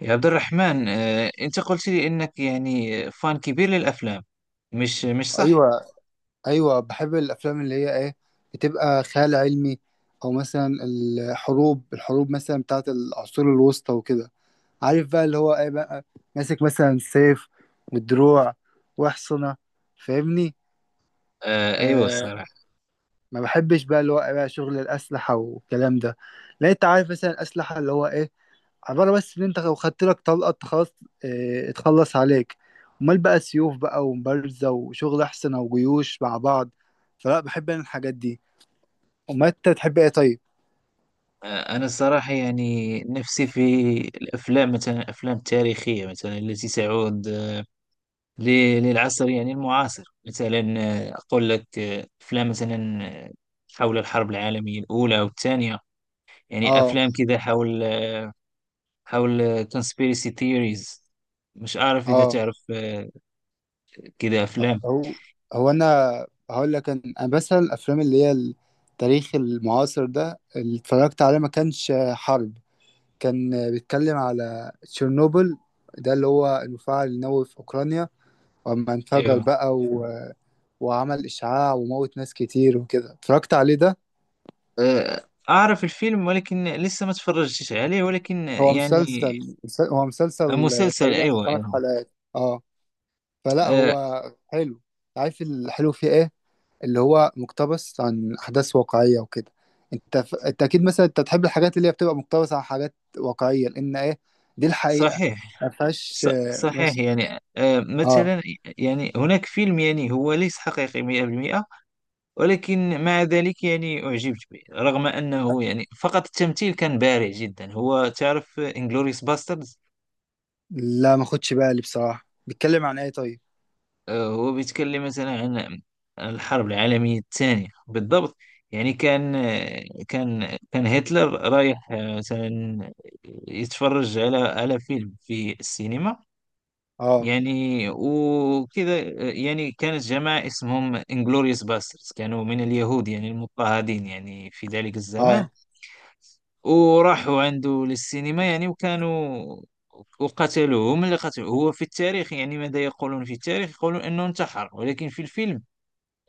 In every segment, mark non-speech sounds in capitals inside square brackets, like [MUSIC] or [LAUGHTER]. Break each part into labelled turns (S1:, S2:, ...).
S1: يا عبد الرحمن أنت قلت لي أنك يعني فان كبير للأفلام، مش صح؟
S2: ايوه، ايوه، بحب الافلام اللي هي ايه بتبقى خيال علمي، او مثلا الحروب مثلا بتاعت العصور الوسطى وكده. عارف بقى اللي هو ايه بقى، ماسك مثلا سيف ودروع واحصنة. فاهمني؟
S1: أيوة
S2: آه،
S1: الصراحة.
S2: ما بحبش بقى اللي هو إيه بقى شغل الاسلحة والكلام ده. لا انت عارف مثلا الاسلحة اللي هو ايه، عبارة بس إن أنت لو خدت لك طلقة أنت خلاص، اه اتخلص عليك. أمال بقى سيوف بقى ومبارزة وشغل أحسن أو جيوش مع بعض. فلا بحب أنا الحاجات دي. أمال أنت تحب إيه طيب؟
S1: أنا الصراحة يعني نفسي في الأفلام، مثلا الأفلام التاريخية، مثلا التي تعود للعصر يعني المعاصر. مثلا أقول لك أفلام مثلا آه، حول الحرب العالمية الأولى والثانية، يعني
S2: أه.
S1: أفلام كذا حول، حول conspiracy theories. مش عارف إذا
S2: أه.
S1: تعرف كذا أفلام.
S2: هو هو أنا هقول لك أنا مثلا الأفلام اللي هي التاريخ المعاصر ده اللي اتفرجت عليه ما كانش حرب. كان بيتكلم على تشيرنوبل، ده اللي هو المفاعل النووي في أوكرانيا، وأما انفجر
S1: ايوه،
S2: بقى وعمل إشعاع وموت ناس كتير وكده اتفرجت عليه ده.
S1: أعرف الفيلم، ولكن لسه ما تفرجتش عليه، ولكن
S2: هو
S1: يعني
S2: مسلسل هو مسلسل
S1: مسلسل،
S2: تقريبا
S1: أيوة
S2: خمس
S1: أيوة.
S2: حلقات اه. فلا
S1: آه،
S2: هو حلو. عارف الحلو فيه ايه؟ اللي هو مقتبس عن أحداث واقعية وكده. انت اكيد مثلا انت تحب الحاجات اللي هي بتبقى مقتبسة عن حاجات واقعية لأن ايه، دي الحقيقة.
S1: صحيح.
S2: ما فيهاش
S1: ص- صحيح
S2: مش...
S1: يعني،
S2: اه.
S1: مثلا يعني هناك فيلم، يعني هو ليس حقيقي 100%، ولكن مع ذلك يعني أعجبت به، رغم أنه يعني فقط التمثيل كان بارع جدا. هو تعرف انجلوريوس باسترد؟
S2: لا ما خدش بالي بصراحة، بيتكلم عن ايه طيب؟
S1: هو بيتكلم مثلا عن الحرب العالمية الثانية بالضبط. يعني كان كان هتلر رايح مثلا يتفرج على، على فيلم في السينما،
S2: اه.
S1: يعني وكذا. يعني كانت جماعة اسمهم انجلوريوس باسترز، كانوا من اليهود يعني المضطهدين يعني في ذلك الزمان،
S2: اه.
S1: وراحوا عنده للسينما يعني، وكانوا، وقتلوه. هم اللي قتلوه. هو في التاريخ يعني ماذا يقولون؟ في التاريخ يقولون انه انتحر، ولكن في الفيلم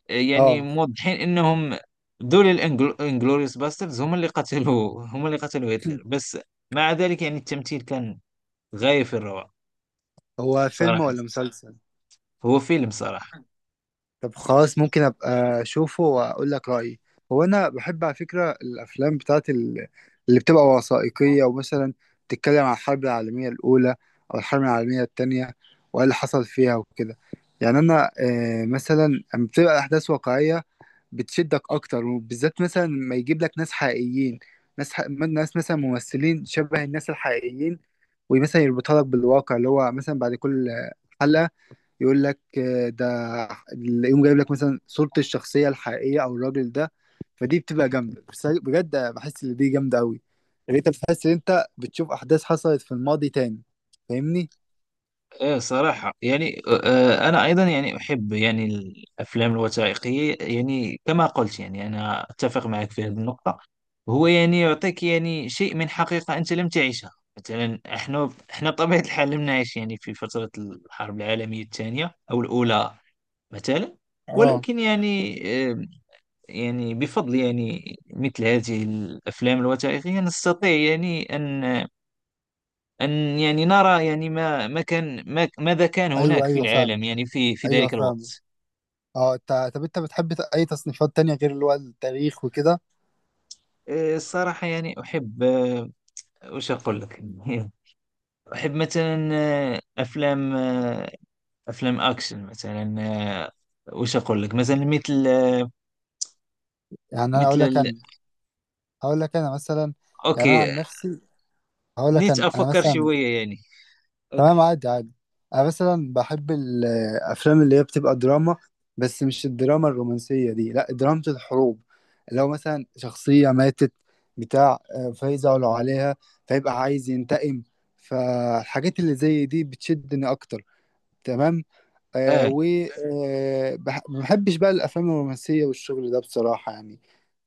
S1: يعني
S2: اه.
S1: موضحين انهم دول الانجلوريوس باستردز هم اللي قتلوا، هم اللي قتلوا هتلر. بس مع ذلك يعني التمثيل كان غاية في الروعة
S2: هو فيلم
S1: صراحة.
S2: ولا مسلسل؟
S1: هو فيلم صراحة.
S2: طب خلاص ممكن ابقى اشوفه واقول لك رايي. هو انا بحب على فكره الافلام بتاعت اللي بتبقى وثائقيه، ومثلا بتتكلم عن الحرب العالميه الاولى او الحرب العالميه التانية وايه اللي حصل فيها وكده. يعني انا مثلا لما بتبقى احداث واقعيه بتشدك اكتر، وبالذات مثلا ما يجيب لك ناس حقيقيين، ناس مثلا ممثلين شبه الناس الحقيقيين، ومثلا يربطها لك بالواقع اللي هو مثلا بعد كل حلقه يقول لك ده، يقوم جايب لك مثلا صورة الشخصية الحقيقية أو الراجل ده. فدي بتبقى جامدة، بس أنا بجد بحس إن دي جامدة أوي. يعني أنت بتحس إن أنت بتشوف أحداث حصلت في الماضي تاني. فاهمني؟
S1: ايه صراحة، يعني آه انا ايضا يعني احب يعني الافلام الوثائقية، يعني كما قلت، يعني انا اتفق معك في هذه النقطة. هو يعني يعطيك يعني شيء من حقيقة انت لم تعيشها. مثلا احنا بطبيعة الحال لم نعيش يعني في فترة الحرب العالمية الثانية او الاولى مثلا.
S2: اه.
S1: ولكن يعني آه، يعني بفضل يعني مثل هذه الافلام الوثائقيه، نستطيع يعني ان، ان يعني نرى يعني ما، ما كان ما ماذا كان
S2: ايوه،
S1: هناك في
S2: ايوه
S1: العالم
S2: فاهم.
S1: يعني في، في
S2: ايوه
S1: ذلك
S2: فاهم.
S1: الوقت.
S2: اه انت، طب انت بتحب اي تصنيفات تانية غير اللي هو التاريخ وكده؟
S1: الصراحه يعني احب، وش اقول لك؟ [LAUGHS] احب مثلا افلام افلام اكشن مثلا. وش اقول لك مثلا، مثل
S2: يعني انا اقول
S1: مثل
S2: لك انا هقول لك انا مثلا. يعني انا عن
S1: اوكي،
S2: نفسي هقول لك
S1: نيت
S2: انا
S1: افكر
S2: مثلا.
S1: شويه يعني.
S2: تمام،
S1: اوكي.
S2: عادي عادي. انا مثلا بحب الافلام اللي هي بتبقى دراما، بس مش الدراما الرومانسيه دي، لا دراما الحروب. لو مثلا شخصيه ماتت بتاع فيزعلوا عليها فيبقى عايز ينتقم. فالحاجات اللي زي دي بتشدني اكتر، تمام.
S1: اه،
S2: ما بحبش بقى الافلام الرومانسيه والشغل ده بصراحه يعني.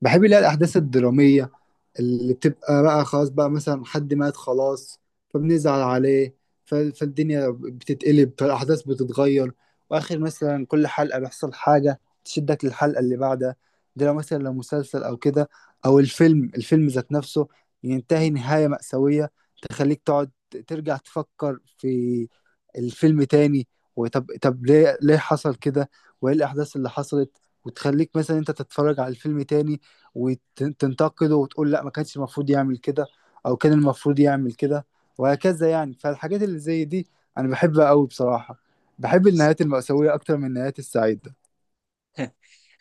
S2: بحب اللي هي الاحداث الدراميه اللي بتبقى بقى، خلاص بقى مثلا حد مات خلاص فبنزعل عليه. فالدنيا بتتقلب، فالأحداث بتتغير، وآخر مثلا كل حلقة بيحصل حاجة تشدك للحلقة اللي بعدها. ده لو مثلا لو مسلسل أو كده، أو الفيلم، الفيلم ذات نفسه ينتهي نهاية مأساوية تخليك تقعد ترجع تفكر في الفيلم تاني. وطب ليه حصل كده وإيه الأحداث اللي حصلت، وتخليك مثلا أنت تتفرج على الفيلم تاني وتنتقده وتقول لا ما كانش المفروض يعمل كده، او كان المفروض يعمل كده وهكذا يعني. فالحاجات اللي زي دي انا بحبها قوي بصراحة. بحب النهايات المأساوية اكتر من النهايات السعيدة.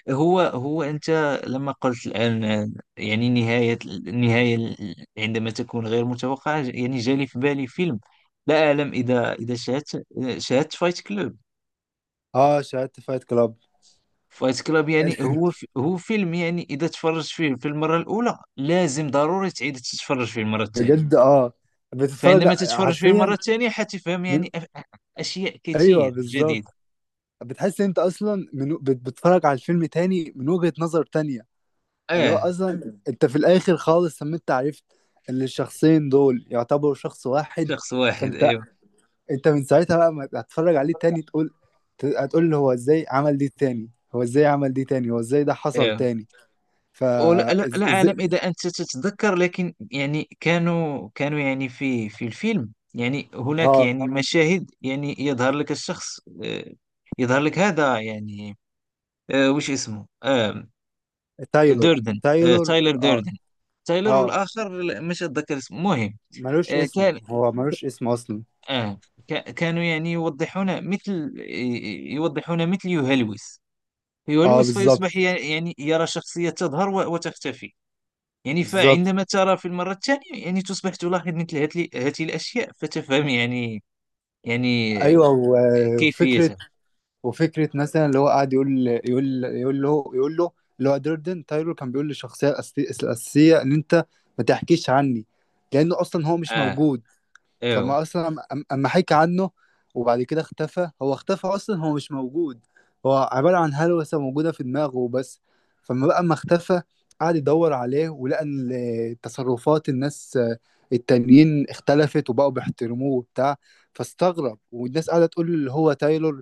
S1: هو أنت لما قلت الآن يعني نهاية، النهاية عندما تكون غير متوقعة، يعني جالي في بالي فيلم. لا أعلم إذا، إذا شاهدت، شاهدت فايت كلوب.
S2: اه شاهدت فايت كلاب.
S1: فايت كلوب يعني
S2: [LAUGHS]
S1: هو فيلم يعني إذا تفرجت فيه في المرة الأولى لازم ضروري تعيد تتفرج فيه المرة الثانية.
S2: بجد اه، بتتفرج
S1: فعندما تتفرج فيه المرة
S2: حرفيا
S1: الثانية حتفهم
S2: من.
S1: يعني أشياء
S2: ايوه
S1: كتير
S2: بالظبط.
S1: جديدة.
S2: بتحس إن انت اصلا بتتفرج على الفيلم تاني من وجهة نظر تانية. اللي هو
S1: آه،
S2: اصلا انت في الاخر خالص لما انت عرفت ان الشخصين دول يعتبروا شخص واحد.
S1: شخص واحد
S2: فانت،
S1: أيوه.
S2: انت من ساعتها بقى ما هتتفرج عليه تاني تقول، هتقول له هو ازاي عمل دي تاني، هو ازاي عمل دي تاني، هو ازاي ده حصل
S1: أيوه،
S2: تاني.
S1: ولا
S2: فا.
S1: لا,
S2: إز...
S1: لا
S2: إز...
S1: أعلم إذا أنت تتذكر، لكن يعني كانوا يعني في، في الفيلم يعني هناك
S2: اه.
S1: يعني مشاهد يعني يظهر لك الشخص، يظهر لك هذا يعني وش اسمه؟
S2: تايلور.
S1: دوردن،
S2: تايلور
S1: تايلر
S2: اه.
S1: دوردن. تايلر،
S2: اه
S1: والآخر لا، مش أتذكر اسمه، المهم
S2: ملوش اسم.
S1: كان
S2: هو ملوش اسم اصلا.
S1: آه، كانوا يعني يوضحون مثل، يوضحون مثل يهلوس،
S2: اه
S1: يهلوس فيصبح
S2: بالظبط.
S1: يعني يرى شخصية تظهر وتختفي. يعني
S2: بالظبط،
S1: فعندما ترى في المرة الثانية يعني تصبح تلاحظ مثل هذه الأشياء فتفهم يعني، يعني
S2: ايوه. وفكره،
S1: كيفيتها.
S2: وفكره مثلا اللي هو قاعد يقول له. اللي هو دردن تايلور كان بيقول للشخصيه الاساسيه ان انت ما تحكيش عني، لانه اصلا هو مش
S1: آه
S2: موجود.
S1: أيوة.
S2: فما اصلا اما حكى عنه وبعد كده اختفى، هو اختفى اصلا، هو مش موجود، هو عبارة عن هلوسة موجودة في دماغه وبس. فما بقى ما اختفى قعد يدور عليه ولقى ان تصرفات الناس التانيين اختلفت وبقوا بيحترموه وبتاع. فاستغرب، والناس قاعدة تقول اللي هو تايلور.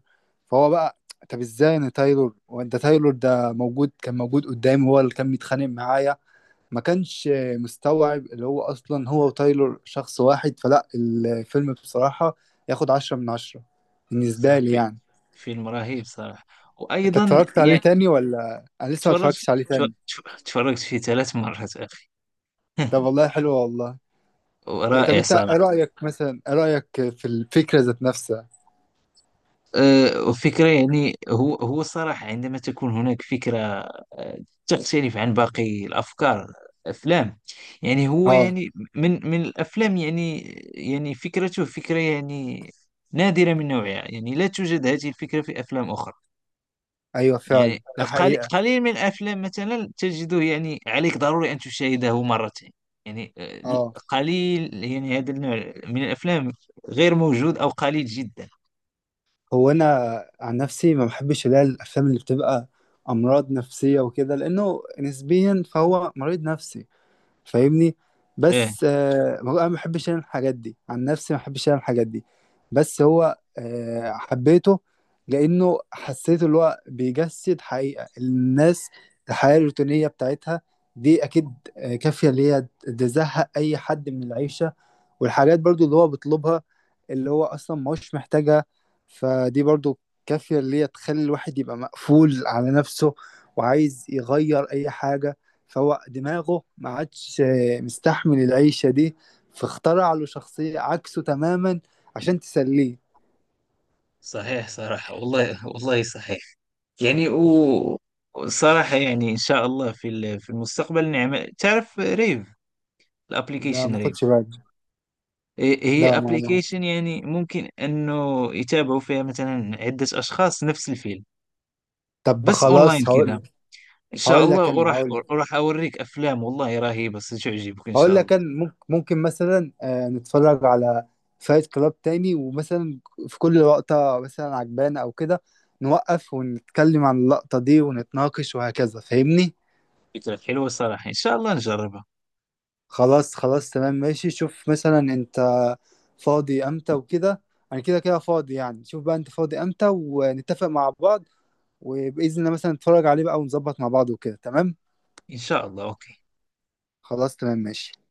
S2: فهو بقى، طب ازاي انا تايلور وانت تايلور، ده موجود كان موجود قدامي هو اللي كان بيتخانق معايا؟ ما كانش مستوعب اللي هو اصلا هو وتايلور شخص واحد. فلا الفيلم بصراحة ياخد 10 من 10 بالنسبة
S1: صح،
S2: لي
S1: في
S2: يعني.
S1: فيلم رهيب صراحة،
S2: انت
S1: وأيضا
S2: اتفرجت عليه
S1: يعني
S2: تاني ولا؟ انا لسه ما
S1: تفرج،
S2: اتفرجتش عليه
S1: تفرجت،
S2: تاني.
S1: تفرجت في ثلاث مرات أخي.
S2: طب
S1: [LAUGHS]
S2: والله حلو والله. إيه، طب
S1: ورائع
S2: انت ايه
S1: صراحة.
S2: رأيك مثلا، ايه رأيك في الفكرة ذات نفسها؟
S1: فكرة يعني، هو الصراحة عندما تكون هناك فكرة آه، تختلف عن باقي الأفكار، أفلام، يعني هو
S2: اه.
S1: يعني من، من الأفلام يعني، يعني فكرته فكرة يعني نادرة من نوعها، يعني لا توجد هذه الفكرة في أفلام أخرى.
S2: ايوه
S1: يعني
S2: فعلا، ده
S1: قليل
S2: حقيقة.
S1: قليل من الأفلام مثلا تجده يعني عليك ضروري أن تشاهده مرتين، يعني
S2: اه.
S1: قليل، يعني هذا النوع من الأفلام غير موجود أو قليل جدا.
S2: هو انا عن نفسي ما بحبش اللي هي الافلام اللي بتبقى امراض نفسية وكده، لانه نسبيا فهو مريض نفسي، فاهمني؟
S1: آه،
S2: بس آه هو انا ما بحبش انا الحاجات دي، عن نفسي ما بحبش انا الحاجات دي. بس هو آه حبيته لانه حسيت اللي هو بيجسد حقيقة الناس، الحياة الروتينية بتاعتها، دي اكيد كافية اللي هي تزهق اي حد من العيشة. والحاجات برضو اللي هو بيطلبها اللي هو اصلا ما هوش محتاجها، فدي برضو كافية اللي هي تخلي الواحد يبقى مقفول على نفسه وعايز يغير اي حاجة. فهو دماغه ما عادش مستحمل العيشة دي، فاخترع له شخصية عكسه تماما عشان تسليه.
S1: صحيح صراحة، والله والله صحيح. يعني و، صراحة يعني إن شاء الله في في المستقبل نعمل، تعرف ريف؟
S2: لا
S1: الابليكيشن
S2: ما
S1: ريف؟
S2: خدش بالي.
S1: هي
S2: لا ما.
S1: ابليكيشن، يعني ممكن أنه يتابعوا فيها مثلا عدة أشخاص نفس الفيلم،
S2: طب
S1: بس أونلاين
S2: خلاص هقول
S1: كذا.
S2: لك.
S1: إن شاء
S2: هقول
S1: الله،
S2: لك انا
S1: وراح،
S2: هقول
S1: وراح أوريك أفلام والله رهيبة ستعجبك إن
S2: هقول
S1: شاء
S2: لك
S1: الله.
S2: كان ممكن مثلا نتفرج على فايت كلاب تاني، ومثلا في كل لقطة مثلا عجبانة أو كده نوقف ونتكلم عن اللقطة دي ونتناقش وهكذا. فاهمني؟
S1: فكرة حلوة صراحة، إن شاء الله نجربها.
S2: خلاص خلاص. تمام ماشي. شوف مثلا أنت فاضي أمتى وكده، أنا كده كده فاضي يعني. شوف بقى أنت فاضي أمتى ونتفق مع بعض وبإذن الله مثلا نتفرج عليه بقى ونظبط مع بعض وكده، تمام؟
S1: إن شاء الله، أوكي.
S2: خلاص تمام ماشي.